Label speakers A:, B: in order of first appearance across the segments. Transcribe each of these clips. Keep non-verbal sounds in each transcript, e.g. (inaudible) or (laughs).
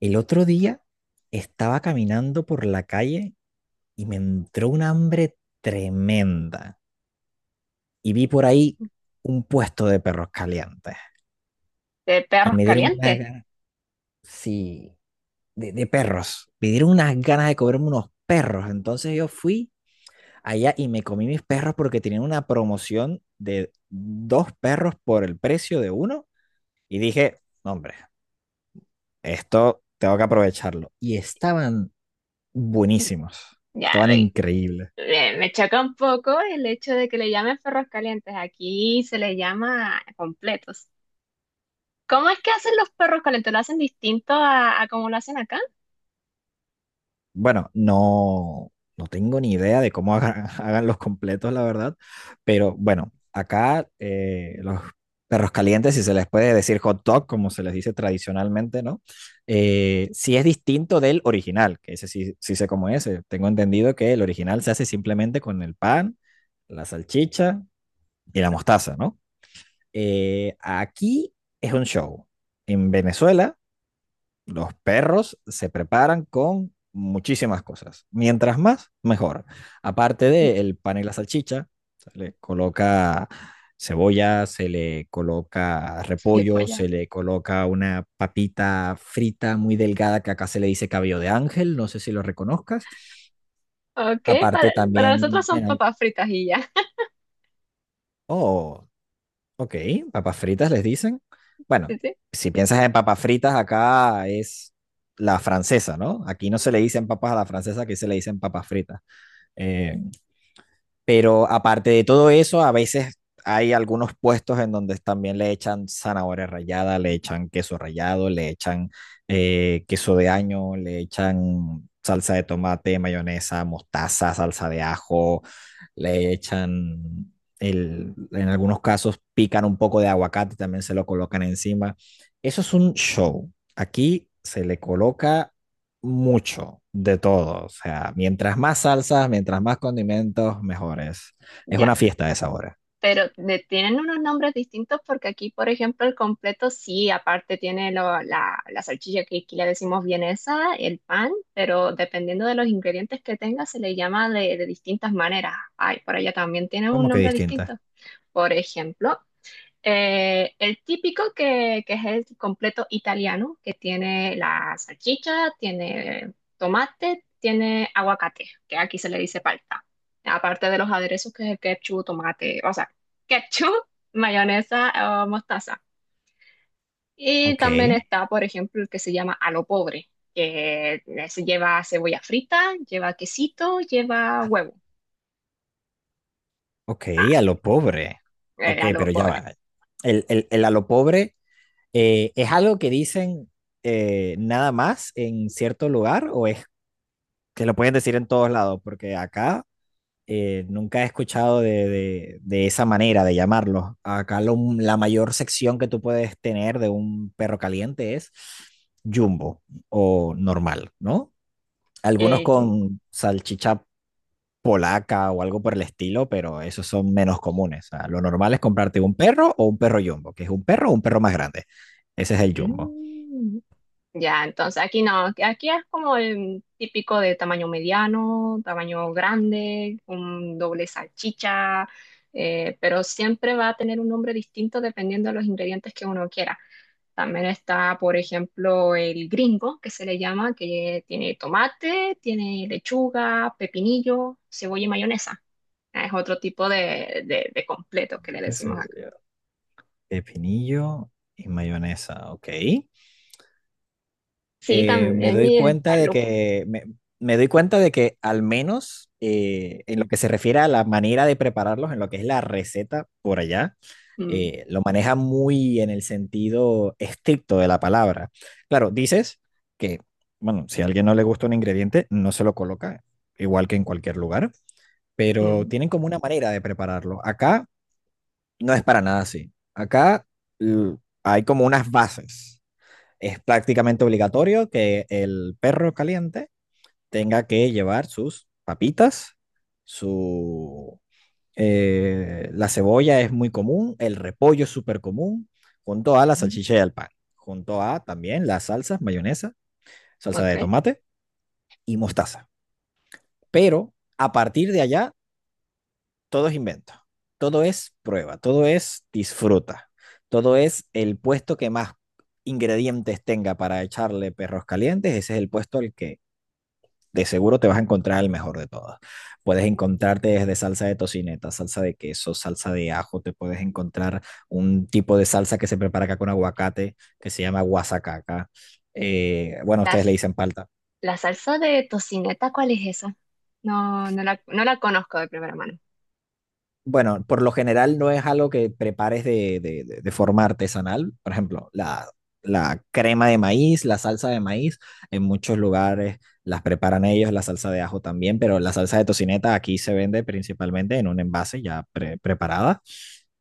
A: El otro día estaba caminando por la calle y me entró un hambre tremenda. Y vi por ahí un puesto de perros calientes.
B: De
A: Y
B: perros
A: me dieron una
B: calientes.
A: ganas sí, de perros. Me dieron unas ganas de comerme unos perros. Entonces yo fui allá y me comí mis perros porque tenían una promoción de dos perros por el precio de uno. Y dije, "No, hombre, esto tengo que aprovecharlo." Y estaban buenísimos.
B: Ya,
A: Estaban increíbles.
B: me choca un poco el hecho de que le llamen perros calientes. Aquí se les llama completos. ¿Cómo es que hacen los perros calientes? ¿Lo hacen distinto a como lo hacen acá? (laughs)
A: Bueno, no, no tengo ni idea de cómo hagan, (laughs) hagan los completos, la verdad, pero bueno, acá los perros calientes, si se les puede decir hot dog, como se les dice tradicionalmente, ¿no? Sí es distinto del original, que ese sí, sí sé cómo es. Tengo entendido que el original se hace simplemente con el pan, la salchicha y la mostaza, ¿no? Aquí es un show. En Venezuela los perros se preparan con muchísimas cosas. Mientras más, mejor. Aparte
B: Mm.
A: del pan y la salchicha, se le coloca cebolla, se le coloca
B: Sí, pues
A: repollo,
B: ya.
A: se le coloca una papita frita muy delgada que acá se le dice cabello de ángel, no sé si lo reconozcas.
B: Ok, para,
A: Aparte
B: para nosotros
A: también,
B: son papas fritas y ya. (laughs)
A: oh, Ok, papas fritas les dicen. Bueno,
B: Sí, sí.
A: si piensas en papas fritas, acá es la francesa, ¿no? Aquí no se le dicen papas a la francesa, aquí se le dicen papas fritas. Eh, pero aparte de todo eso, a veces hay algunos puestos en donde también le echan zanahoria rallada, le echan queso rallado, le echan queso de año, le echan salsa de tomate, mayonesa, mostaza, salsa de ajo, le echan, en algunos casos pican un poco de aguacate, también se lo colocan encima. Eso es un show. Aquí se le coloca mucho de todo. O sea, mientras más salsas, mientras más condimentos, mejores. Es
B: Ya.
A: una fiesta de sabores.
B: Pero le tienen unos nombres distintos porque aquí, por ejemplo, el completo sí, aparte tiene la salchicha que aquí le decimos vienesa, el pan, pero dependiendo de los ingredientes que tenga se le llama de distintas maneras. Ay, por allá también tiene un
A: ¿Cómo que
B: nombre distinto.
A: distinta?
B: Por ejemplo, el típico que es el completo italiano, que tiene la salchicha, tiene tomate, tiene aguacate, que aquí se le dice palta. Aparte de los aderezos que es el ketchup, tomate, o sea, ketchup, (laughs) mayonesa o mostaza. Y
A: Ok,
B: también está, por ejemplo, el que se llama a lo pobre, lleva cebolla frita, lleva quesito, lleva huevo.
A: ok,
B: Ah,
A: a lo pobre.
B: el
A: Ok,
B: a lo
A: pero ya
B: pobre.
A: va. El a lo pobre es algo que dicen nada más en cierto lugar o es que lo pueden decir en todos lados, porque acá nunca he escuchado de esa manera de llamarlo. Acá lo, la mayor sección que tú puedes tener de un perro caliente es jumbo o normal, ¿no? Algunos
B: El jumbo.
A: con salchicha polaca o algo por el estilo, pero esos son menos comunes. O sea, lo normal es comprarte un perro o un perro jumbo, que es un perro o un perro más grande. Ese es el jumbo.
B: Mm. Ya, entonces aquí no, aquí es como el típico de tamaño mediano, tamaño grande, un doble salchicha, pero siempre va a tener un nombre distinto dependiendo de los ingredientes que uno quiera. También está, por ejemplo, el gringo, que se le llama, que tiene tomate, tiene lechuga, pepinillo, cebolla y mayonesa. Es otro tipo de completo que le
A: De
B: decimos acá.
A: cebolla, pepinillo y mayonesa, ok.
B: Sí,
A: eh, me
B: también
A: doy
B: y está
A: cuenta
B: el
A: de
B: lúpulo.
A: que me, Me doy cuenta de que al menos en lo que se refiere a la manera de prepararlos, en lo que es la receta por allá,
B: Mm,
A: lo maneja muy en el sentido estricto de la palabra. Claro, dices que, bueno, si a alguien no le gusta un ingrediente, no se lo coloca, igual que en cualquier lugar, pero
B: mm,
A: tienen como una manera de prepararlo. Acá no es para nada así. Acá l- hay como unas bases, es prácticamente obligatorio que el perro caliente tenga que llevar sus papitas, su... la cebolla es muy común, el repollo es súper común, junto a la
B: mm,
A: salchicha y el pan, junto a también las salsas, mayonesa, salsa de
B: ok.
A: tomate y mostaza. Pero a partir de allá, todo es invento, todo es prueba, todo es disfruta, todo es el puesto que más ingredientes tenga para echarle perros calientes, ese es el puesto al que de seguro te vas a encontrar el mejor de todas. Puedes encontrarte desde salsa de tocineta, salsa de queso, salsa de ajo, te puedes encontrar un tipo de salsa que se prepara acá con aguacate, que se llama guasacaca. Bueno, ustedes le
B: Las.
A: dicen palta.
B: La salsa de tocineta, ¿cuál es esa? No, no la conozco de primera mano.
A: Bueno, por lo general no es algo que prepares de forma artesanal. Por ejemplo, la crema de maíz, la salsa de maíz, en muchos lugares las preparan ellos, la salsa de ajo también, pero la salsa de tocineta aquí se vende principalmente en un envase ya preparada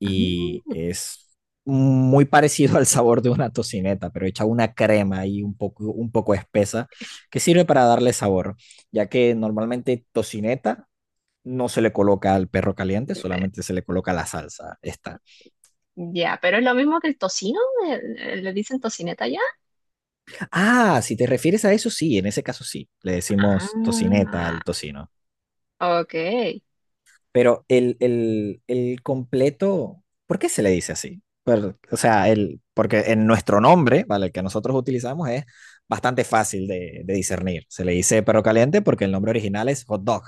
A: y
B: Ah,
A: es muy parecido (laughs) al sabor de una tocineta, pero hecha una crema ahí un poco espesa que sirve para darle sabor, ya que normalmente tocineta no se le coloca al perro caliente,
B: eh,
A: solamente se le coloca la salsa. Esta.
B: ya, pero es lo mismo que el tocino, le dicen tocineta ya.
A: Ah, si te refieres a eso, sí, en ese caso sí. Le decimos tocineta
B: Ah,
A: al tocino.
B: ok.
A: Pero el completo, ¿por qué se le dice así? Pero, o sea, el, porque en nuestro nombre, ¿vale? El que nosotros utilizamos es bastante fácil de discernir. Se le dice perro caliente porque el nombre original es hot dog.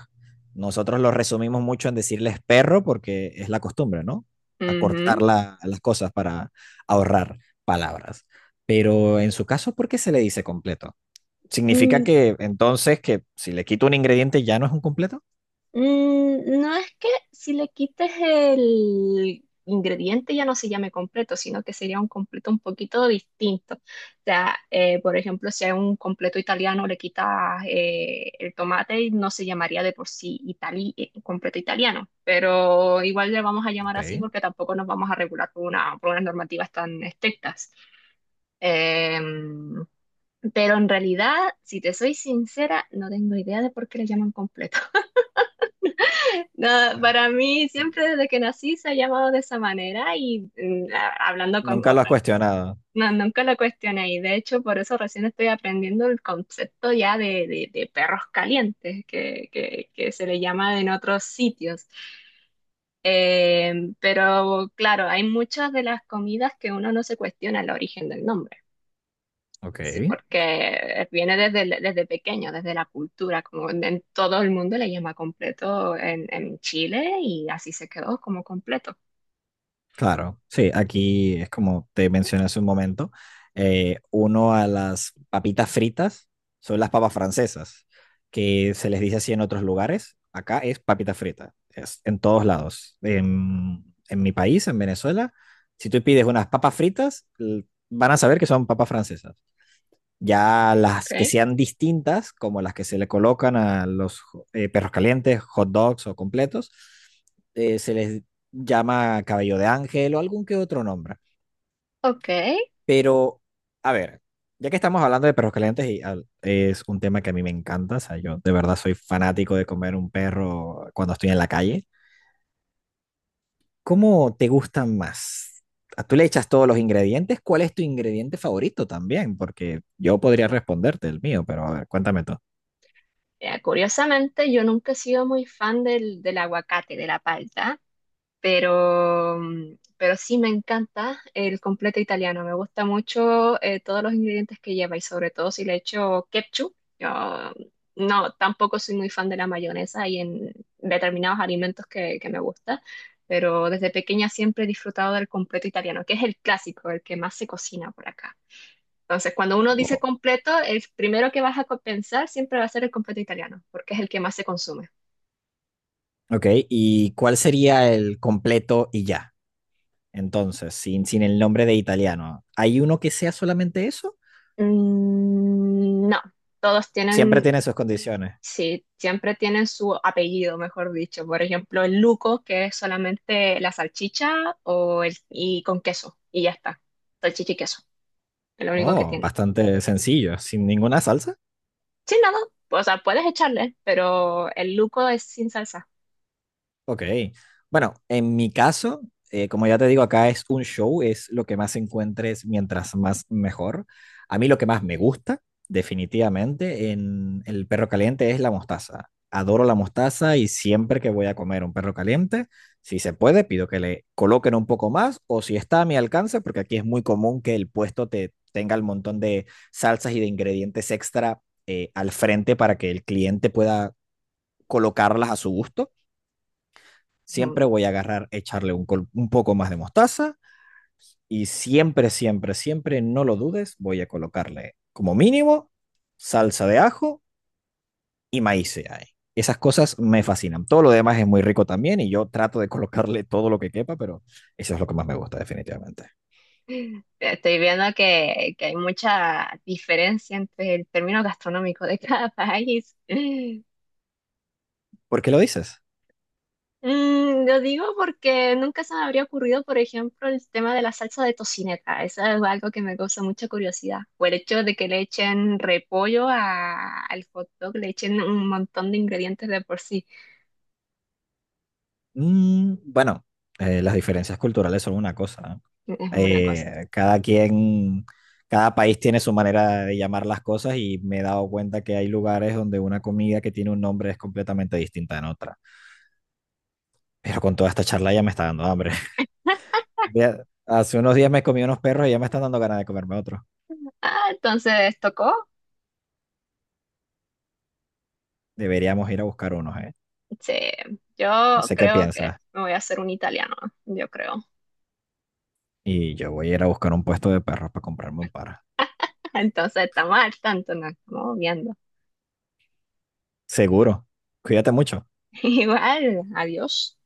A: Nosotros lo resumimos mucho en decirles perro porque es la costumbre, ¿no? Acortar
B: Ujú.
A: las cosas para ahorrar palabras. Pero en su caso, ¿por qué se le dice completo? ¿Significa
B: Mm,
A: que entonces que si le quito un ingrediente ya no es un completo?
B: mm, no es que si le quites el ingrediente ya no se llame completo, sino que sería un completo un poquito distinto. O sea, por ejemplo, si hay un completo italiano, le quitas el tomate y no se llamaría de por sí completo italiano, pero igual le vamos a llamar
A: Ok.
B: así porque tampoco nos vamos a regular por una, por unas normativas tan estrictas. Em, pero en realidad, si te soy sincera, no tengo idea de por qué le llaman completo. No, para mí siempre desde que nací se ha llamado de esa manera y hablando con
A: Nunca lo has
B: otra.
A: cuestionado.
B: No, nunca lo cuestioné y de hecho por eso recién estoy aprendiendo el concepto ya de perros calientes que se le llama en otros sitios. Pero claro, hay muchas de las comidas que uno no se cuestiona el origen del nombre.
A: Ok.
B: Sí, porque viene desde, desde pequeño, desde la cultura, como en todo el mundo le llama completo en Chile y así se quedó como completo.
A: Claro, sí, aquí es como te mencioné hace un momento, uno a las papitas fritas son las papas francesas, que se les dice así en otros lugares, acá es papita frita, es en todos lados. En mi país, en Venezuela, si tú pides unas papas fritas, van a saber que son papas francesas. Ya las que
B: Okay.
A: sean distintas, como las que se le colocan a los perros calientes, hot dogs o completos, se les llama cabello de ángel o algún que otro nombre.
B: Ok.
A: Pero, a ver, ya que estamos hablando de perros calientes, y es un tema que a mí me encanta, o sea, yo de verdad soy fanático de comer un perro cuando estoy en la calle. ¿Cómo te gustan más? ¿A ¿Tú le echas todos los ingredientes? ¿Cuál es tu ingrediente favorito también? Porque yo podría responderte el mío, pero a ver, cuéntame tú.
B: Curiosamente, yo nunca he sido muy fan del aguacate, de la palta. Pero, mm, pero sí me encanta el completo italiano. Me gusta mucho todos los ingredientes que lleva y sobre todo si le echo ketchup. Yo no, tampoco soy muy fan de la mayonesa y en determinados alimentos que me gusta, pero desde pequeña siempre he disfrutado del completo italiano, que es el clásico, el que más se cocina por acá. Entonces, cuando uno dice completo, el primero que vas a pensar siempre va a ser el completo italiano, porque es el que más se consume.
A: Ok, ¿y cuál sería el completo y ya? Entonces, sin el nombre de italiano. ¿Hay uno que sea solamente eso?
B: Mm, no, todos
A: Siempre
B: tienen.
A: tiene sus condiciones.
B: Sí, siempre tienen su apellido, mejor dicho. Por ejemplo, el Luco, que es solamente la salchicha o el, y con queso, y ya está. Salchicha y queso, es lo único que
A: Oh,
B: tiene.
A: bastante sencillo, sin ninguna salsa.
B: Sin nada, o sea, puedes echarle, pero el Luco es sin salsa.
A: Ok. Bueno, en mi caso, como ya te digo, acá es un show, es lo que más encuentres mientras más mejor. A mí lo que más me gusta, definitivamente, en el perro caliente es la mostaza. Adoro la mostaza y siempre que voy a comer un perro caliente, si se puede, pido que le coloquen un poco más o si está a mi alcance, porque aquí es muy común que el puesto te tenga el montón de salsas y de ingredientes extra al frente para que el cliente pueda colocarlas a su gusto, siempre
B: Ujú.
A: voy a agarrar, echarle un poco más de mostaza y siempre, siempre, siempre, no lo dudes, voy a colocarle como mínimo salsa de ajo y maíz ahí. Esas cosas me fascinan. Todo lo demás es muy rico también y yo trato de colocarle todo lo que quepa, pero eso es lo que más me gusta definitivamente.
B: Estoy viendo que hay mucha diferencia entre el término gastronómico de cada (laughs) país.
A: ¿Por qué lo dices?
B: Mm, lo digo porque nunca se me habría ocurrido, por ejemplo, el tema de la salsa de tocineta. Eso es algo que me causa mucha curiosidad. O el hecho de que le echen repollo al hot dog, le echen un montón de ingredientes de por sí.
A: Mm, bueno, las diferencias culturales son una cosa.
B: Es una
A: ¿Eh?
B: cosa.
A: Cada quien, cada país tiene su manera de llamar las cosas y me he dado cuenta que hay lugares donde una comida que tiene un nombre es completamente distinta en otra. Pero con toda esta charla ya me está dando hambre. (laughs) Hace unos días me comí unos perros y ya me están dando ganas de comerme otros.
B: Ah, entonces, ¿tocó?
A: Deberíamos ir a buscar unos, ¿eh?
B: Sí,
A: No
B: yo
A: sé qué
B: creo que
A: piensas.
B: me voy a hacer un italiano, yo creo.
A: Y yo voy a ir a buscar un puesto de perros para comprarme un par.
B: (laughs) Entonces, estamos al tanto, nos estamos viendo.
A: Seguro. Cuídate mucho.
B: (laughs) Igual, adiós.